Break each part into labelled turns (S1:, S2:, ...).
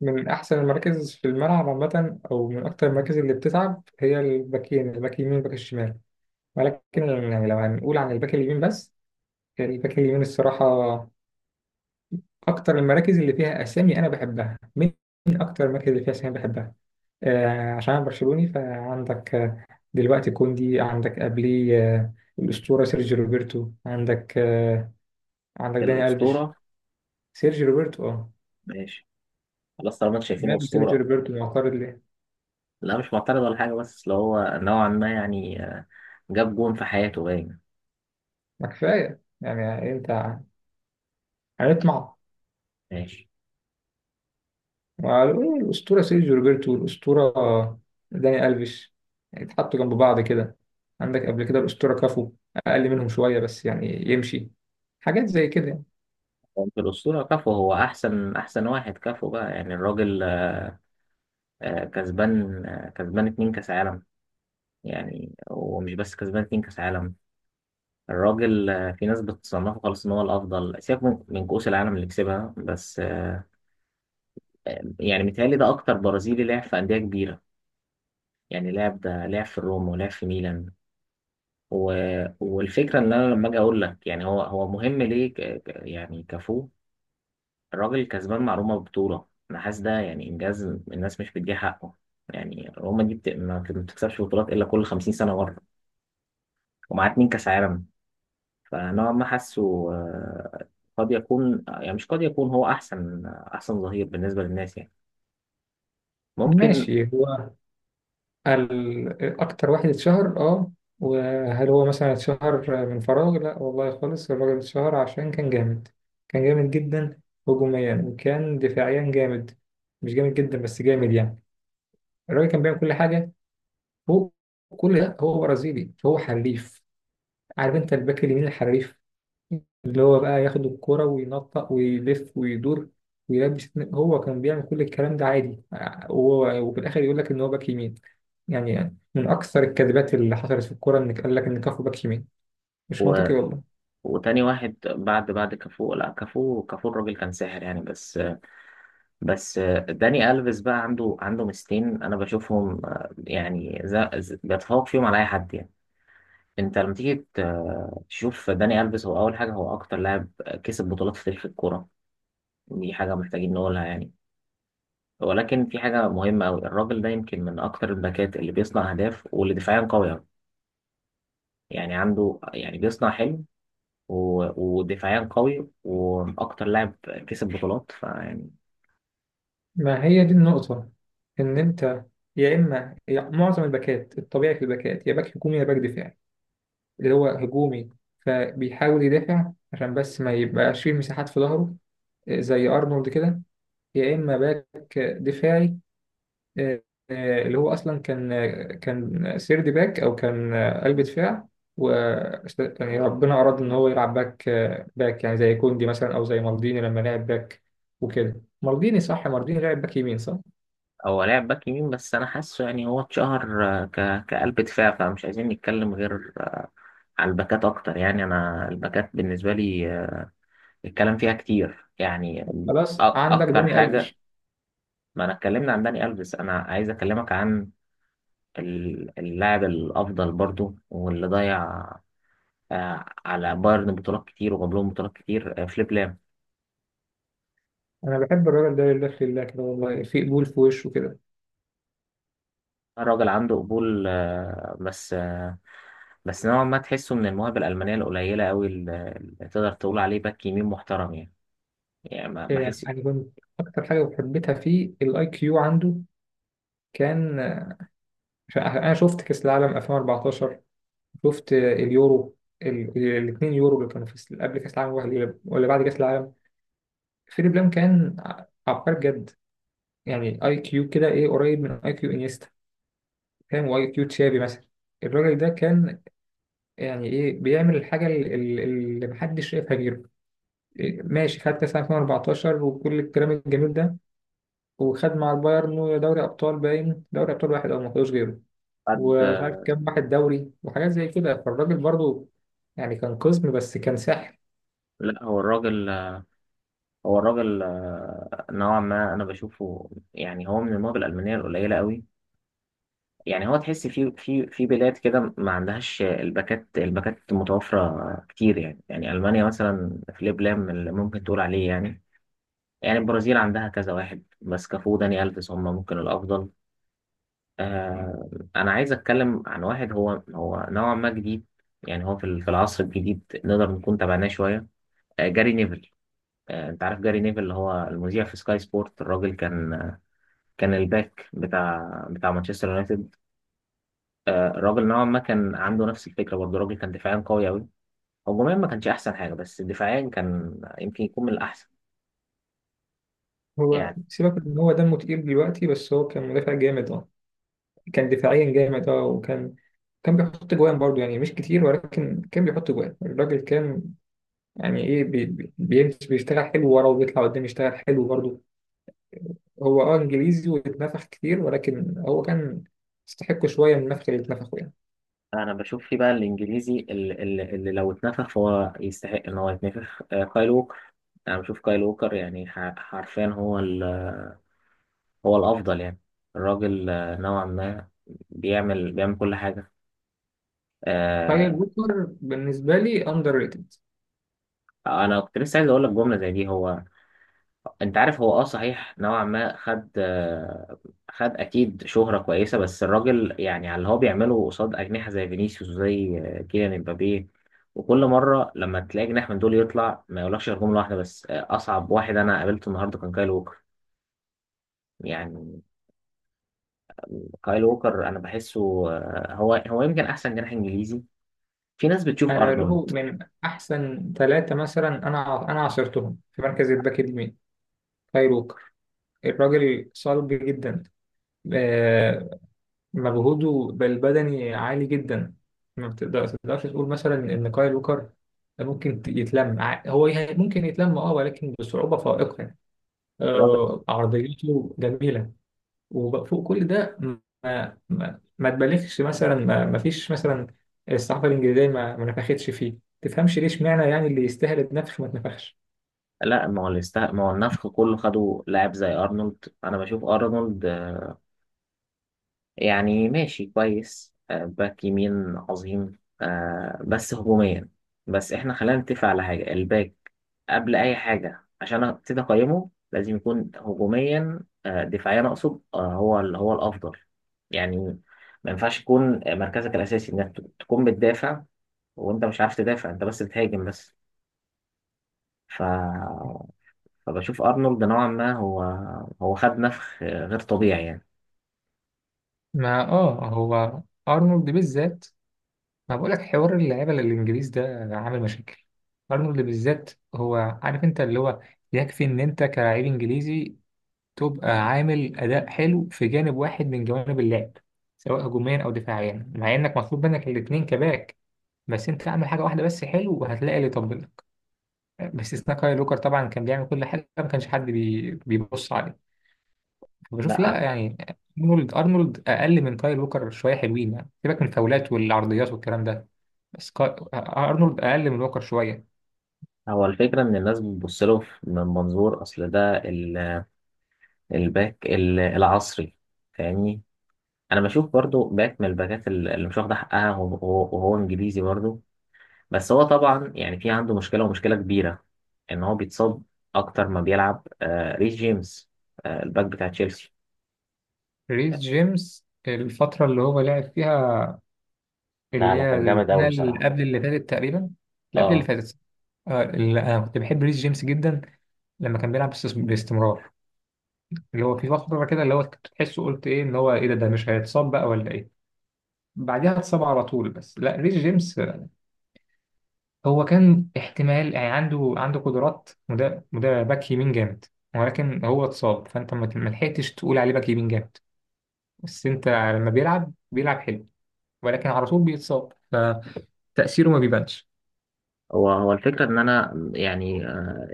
S1: من أحسن المراكز في الملعب عامة أو من أكتر المراكز اللي بتتعب هي الباكين، الباك اليمين والباك الشمال. ولكن يعني لو هنقول عن الباك اليمين بس، يعني الباك اليمين الصراحة أكتر المراكز اللي فيها أسامي أنا بحبها. من أكتر المراكز اللي فيها أسامي بحبها آه، عشان أنا برشلوني، فعندك دلوقتي كوندي، عندك قبليه آه الأسطورة سيرجيو روبرتو، عندك آه عندك داني ألفيش.
S2: الأسطورة،
S1: سيرجيو روبرتو أه.
S2: ماشي. خلاص طالما انتوا شايفين
S1: ماله سيرجيو
S2: أسطورة.
S1: روبرتو معترض ليه؟
S2: لا مش معترض ولا حاجة، بس اللي هو نوعا ما يعني جاب جون في حياته باين.
S1: ما كفاية يعني أنت، هنطمع
S2: ماشي.
S1: مع الأسطورة سيرجيو روبرتو والأسطورة داني ألفيش؟ يعني اتحطوا جنب بعض كده. عندك قبل كده الأسطورة كافو، أقل منهم شوية بس يعني يمشي، حاجات زي كده يعني.
S2: هو في الأسطورة كفو، هو أحسن واحد كفو بقى، يعني الراجل كسبان، كسبان اتنين كأس عالم. يعني ومش بس كسبان اتنين كأس عالم، الراجل في ناس بتصنفه خلاص إن هو الأفضل، سيبك من كؤوس العالم اللي كسبها، بس يعني متهيألي ده أكتر برازيلي لعب في أندية كبيرة. يعني لعب، ده لعب في الروم ولعب في ميلان. و... والفكره ان انا لما اجي اقول لك يعني هو مهم ليه، يعني كفو. الراجل كسبان معلومه ببطوله، انا حاسس ده يعني انجاز الناس مش بتديه حقه. يعني روما دي ما بتكسبش بطولات الا كل 50 سنه مره، ومعاه اتنين كاس عالم. فنوعا ما حاسه آه، قد يكون، يعني مش قد يكون، هو احسن ظهير بالنسبه للناس يعني، ممكن.
S1: ماشي، هو أكتر واحد اتشهر أه. وهل هو مثلا اتشهر من فراغ؟ لا والله خالص، الراجل اتشهر عشان كان جامد. كان جامد جدا هجوميا، وكان دفاعيا جامد، مش جامد جدا بس جامد يعني. الراجل كان بيعمل كل حاجة. هو كل ده هو برازيلي فهو حريف. عارف انت الباك اليمين الحريف، اللي هو بقى ياخد الكرة وينطق ويلف ويدور ويلبس، هو كان بيعمل كل الكلام ده عادي. وهو وفي الاخر يقول لك ان هو باك يمين. يعني من اكثر الكذبات اللي حصلت في الكوره انك قال لك ان كافو باك يمين. مش
S2: و...
S1: منطقي والله.
S2: وتاني واحد بعد كافو، لا كافو، كافو الراجل كان ساحر يعني. بس داني ألفيس بقى عنده ميزتين انا بشوفهم، يعني بيتفوق فيهم على اي حد يعني. انت لما تيجي تشوف داني ألفيس، هو اول حاجه، هو اكتر لاعب كسب بطولات في تاريخ الكوره. دي حاجه محتاجين نقولها يعني. ولكن في حاجه مهمه قوي، الراجل ده يمكن من اكتر الباكات اللي بيصنع اهداف واللي دفاعيا قوي أوي. يعني عنده، يعني بيصنع حلو و- ودفاعيا قوي واكتر لاعب كسب بطولات، فيعني
S1: ما هي دي النقطه، ان انت معظم الباكات الطبيعي في الباكات، يا باك هجومي يا باك دفاعي. اللي هو هجومي، فبيحاول يدافع عشان بس ما يبقاش فيه مساحات في ظهره، زي ارنولد كده. يا اما باك دفاعي، آه، اللي هو اصلا كان، كان سيرد باك او كان قلب دفاع. و يعني ربنا اراد ان هو يلعب باك، باك يعني زي كوندي مثلا او زي مالديني لما لعب باك وكده. مالديني صح؟ مالديني لعب باك يمين صح.
S2: هو لاعب باك يمين، بس انا حاسه يعني هو اتشهر كقلب دفاع، فمش عايزين نتكلم غير على الباكات اكتر. يعني انا الباكات بالنسبه لي الكلام فيها كتير يعني.
S1: خلاص عندك
S2: اكتر
S1: داني
S2: حاجه،
S1: الفيش.
S2: ما انا اتكلمنا عن داني الفيس، انا عايز اكلمك عن اللاعب الافضل برضو، واللي ضيع على بايرن بطولات كتير وجاب لهم بطولات كتير، فليب لام.
S1: انا بحب الراجل ده لله في الله كده، والله في قبول في وشه كده.
S2: الراجل عنده قبول، بس نوعا ما تحسه من المواهب الألمانية القليلة أوي، اللي تقدر تقول عليه باك يمين محترم يعني. يعني ما
S1: آه،
S2: أحس
S1: يعني كنت اكتر حاجه حبيتها فيه الاي كيو عنده. كان، عشان انا شفت كاس العالم 2014، شفت اليورو، الاثنين يورو اللي كانوا في قبل كاس العالم ولا بعد كاس العالم. فيليب لام كان عبقري بجد. يعني اي كيو كده ايه، قريب من اي كيو انيستا، فاهم، واي كيو تشافي مثلا. الراجل ده كان يعني ايه، بيعمل الحاجه اللي محدش شايفها غيره. إيه، ماشي، خد كاس العالم 2014 وكل الكلام الجميل ده، وخد مع البايرن دوري ابطال باين، دوري ابطال واحد او ما خدوش غيره،
S2: حد.
S1: ومش عارف كام واحد دوري وحاجات زي كده. فالراجل برضو يعني كان قزم بس كان ساحر.
S2: لا، هو الراجل، هو الراجل نوعا ما أنا بشوفه يعني هو من المواهب الألمانية القليلة أوي. يعني هو تحس في بلاد كده ما عندهاش الباكات متوفرة كتير، يعني يعني ألمانيا مثلا في ليبلام اللي ممكن تقول عليه يعني. يعني البرازيل عندها كذا واحد، بس كافو، داني ألفيس، هم ممكن الأفضل. آه. أنا عايز أتكلم عن واحد هو نوعا ما جديد، يعني هو في في العصر الجديد نقدر نكون تابعناه شوية، آه، جاري نيفل. آه، أنت عارف جاري نيفل اللي هو المذيع في سكاي سبورت. الراجل كان، كان الباك بتاع مانشستر يونايتد. آه، الراجل نوعا ما كان عنده نفس الفكرة برضه. الراجل كان دفاعيا قوي أوي، هجوميا ما كانش أحسن حاجة، بس دفاعيا كان يمكن يكون من الأحسن
S1: هو
S2: يعني.
S1: سيبك ان هو دمه تقيل دلوقتي، بس هو كان مدافع جامد اه. كان دفاعيا جامد اه، وكان، كان بيحط جوان برضه يعني مش كتير، ولكن كان بيحط جوان. الراجل كان يعني ايه، بيمشي بيشتغل حلو ورا، وبيطلع قدام يشتغل حلو برضه. هو اه انجليزي واتنفخ كتير، ولكن هو كان يستحق شويه من النفخ اللي اتنفخه يعني.
S2: انا بشوف في بقى الانجليزي اللي لو اتنفخ فهو يستحق ان هو يتنفخ، كايل ووكر. انا بشوف كايل ووكر يعني حرفيا هو الافضل يعني. الراجل نوعا ما بيعمل كل حاجه.
S1: فهي
S2: آه.
S1: الوتر بالنسبه لي اندر ريتد.
S2: انا كنت لسه عايز اقول لك جمله زي دي. هو انت عارف هو اه صحيح نوعا ما خد، خد اكيد شهرة كويسة، بس الراجل يعني على اللي هو بيعمله قصاد اجنحة زي فينيسيوس وزي كيليان امبابي، وكل مرة لما تلاقي جناح من دول يطلع ما يقولكش غير جملة واحدة بس، اصعب واحد انا قابلته النهاردة كان كايل ووكر. يعني كايل ووكر انا بحسه هو يمكن احسن جناح انجليزي. في ناس بتشوف
S1: انا له
S2: ارنولد.
S1: من احسن ثلاثه مثلا انا عاصرتهم في مركز الباك اليمين، كاي ووكر. الراجل صلب جدا، آه، مجهوده البدني عالي جدا. ما بتقدر- تقدرش تقول مثلا ان كايل ووكر ممكن يتلم ممكن يتلم اه، ولكن بصعوبة فائقة يعني.
S2: الراجل،
S1: عرضيته جميلة. وفوق كل ده، ما تبالغش مثلا، ما فيش مثلا، الصحافة الإنجليزية ما نفختش فيه، تفهمش ليش معنى، يعني اللي يستاهل النفخ ما اتنفخش.
S2: لا ما هو ما هو النفخ كله، خدوا لاعب زي ارنولد. انا بشوف ارنولد يعني ماشي كويس، باك يمين عظيم، بس هجوميا. بس احنا خلينا نتفق على حاجة، الباك قبل أي حاجة عشان أبتدي أقيمه لازم يكون هجوميا، دفاعيا أقصد، هو الأفضل يعني. ما ينفعش يكون مركزك الأساسي إنك تكون بتدافع وأنت مش عارف تدافع، أنت بس بتهاجم بس. ف... فبشوف أرنولد نوعا ما هو، هو خد نفخ غير طبيعي يعني.
S1: ما اه هو ارنولد بالذات، ما بقولك حوار اللعيبة للإنجليز ده عامل مشاكل. أرنولد بالذات هو، عارف أنت اللي هو يكفي إن أنت كلاعب إنجليزي تبقى عامل أداء حلو في جانب واحد من جوانب اللعب، سواء هجوميا أو دفاعيا، مع إنك مطلوب منك الاتنين كباك. بس أنت اعمل حاجة واحدة بس حلو وهتلاقي اللي يطبلك. باستثناء كاي لوكر طبعا، كان بيعمل كل حاجة ما كانش حد بيبص عليه. بشوف
S2: لا،
S1: لا يعني، أرنولد أقل من كاي لوكر شوية حلوين يعني، سيبك من الفاولات والعرضيات والكلام ده. سكاي ارنولد اقل من ووكر شويه.
S2: هو الفكرة إن الناس بتبص له من منظور أصل ده الباك العصري، فاهمني. أنا بشوف برضو باك من الباكات اللي مش واخدة حقها، وهو إنجليزي برضو، بس هو طبعا يعني في عنده مشكلة ومشكلة كبيرة إن هو بيتصاب أكتر ما بيلعب، آه، ريس جيمس، آه، الباك بتاع تشيلسي.
S1: ريس جيمس الفتره اللي هو لعب فيها، اللي
S2: لا لا
S1: هي
S2: كان جامد قوي
S1: البناء اللي
S2: بصراحة.
S1: قبل اللي فاتت تقريبا، اللي قبل اللي
S2: اه.
S1: فاتت، اللي انا كنت بحب ريس جيمس جدا لما كان بيلعب باستمرار، اللي هو في فتره كده اللي هو كنت تحسه قلت ايه، اللي هو ايه ده، ده مش هيتصاب بقى ولا ايه. بعديها اتصاب على طول. بس لا، ريس جيمس هو كان احتمال يعني، عنده عنده قدرات، وده باك يمين جامد، ولكن هو اتصاب، فانت ما لحقتش تقول عليه باك يمين جامد. بس انت لما بيلعب بيلعب حلو، ولكن على طول بيتصاب، فتأثيره ما بيبانش.
S2: هو هو الفكرة إن أنا يعني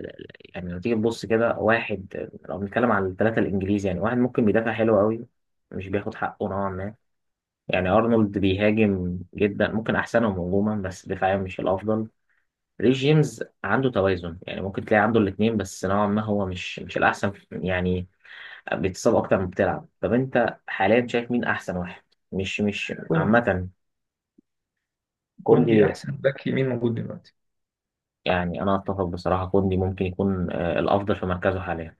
S2: يعني لو تيجي تبص كده، واحد لو بنتكلم عن الثلاثة الإنجليزي، يعني واحد ممكن بيدافع حلو قوي، مش بياخد حقه نوعا ما يعني. أرنولد بيهاجم جدا، ممكن أحسنهم هجوما، بس دفاعيا مش الأفضل. ريس جيمس عنده توازن، يعني ممكن تلاقي عنده الاتنين، بس نوعا ما هو مش الأحسن يعني، بيتصاب أكتر ما بتلعب. طب أنت حاليا شايف مين أحسن واحد، مش
S1: كوندي.
S2: عامة؟
S1: كوندي
S2: كوندي.
S1: احسن باك يمين موجود دلوقتي.
S2: يعني أنا أتفق بصراحة، كوندي ممكن يكون، الأفضل في مركزه حاليا.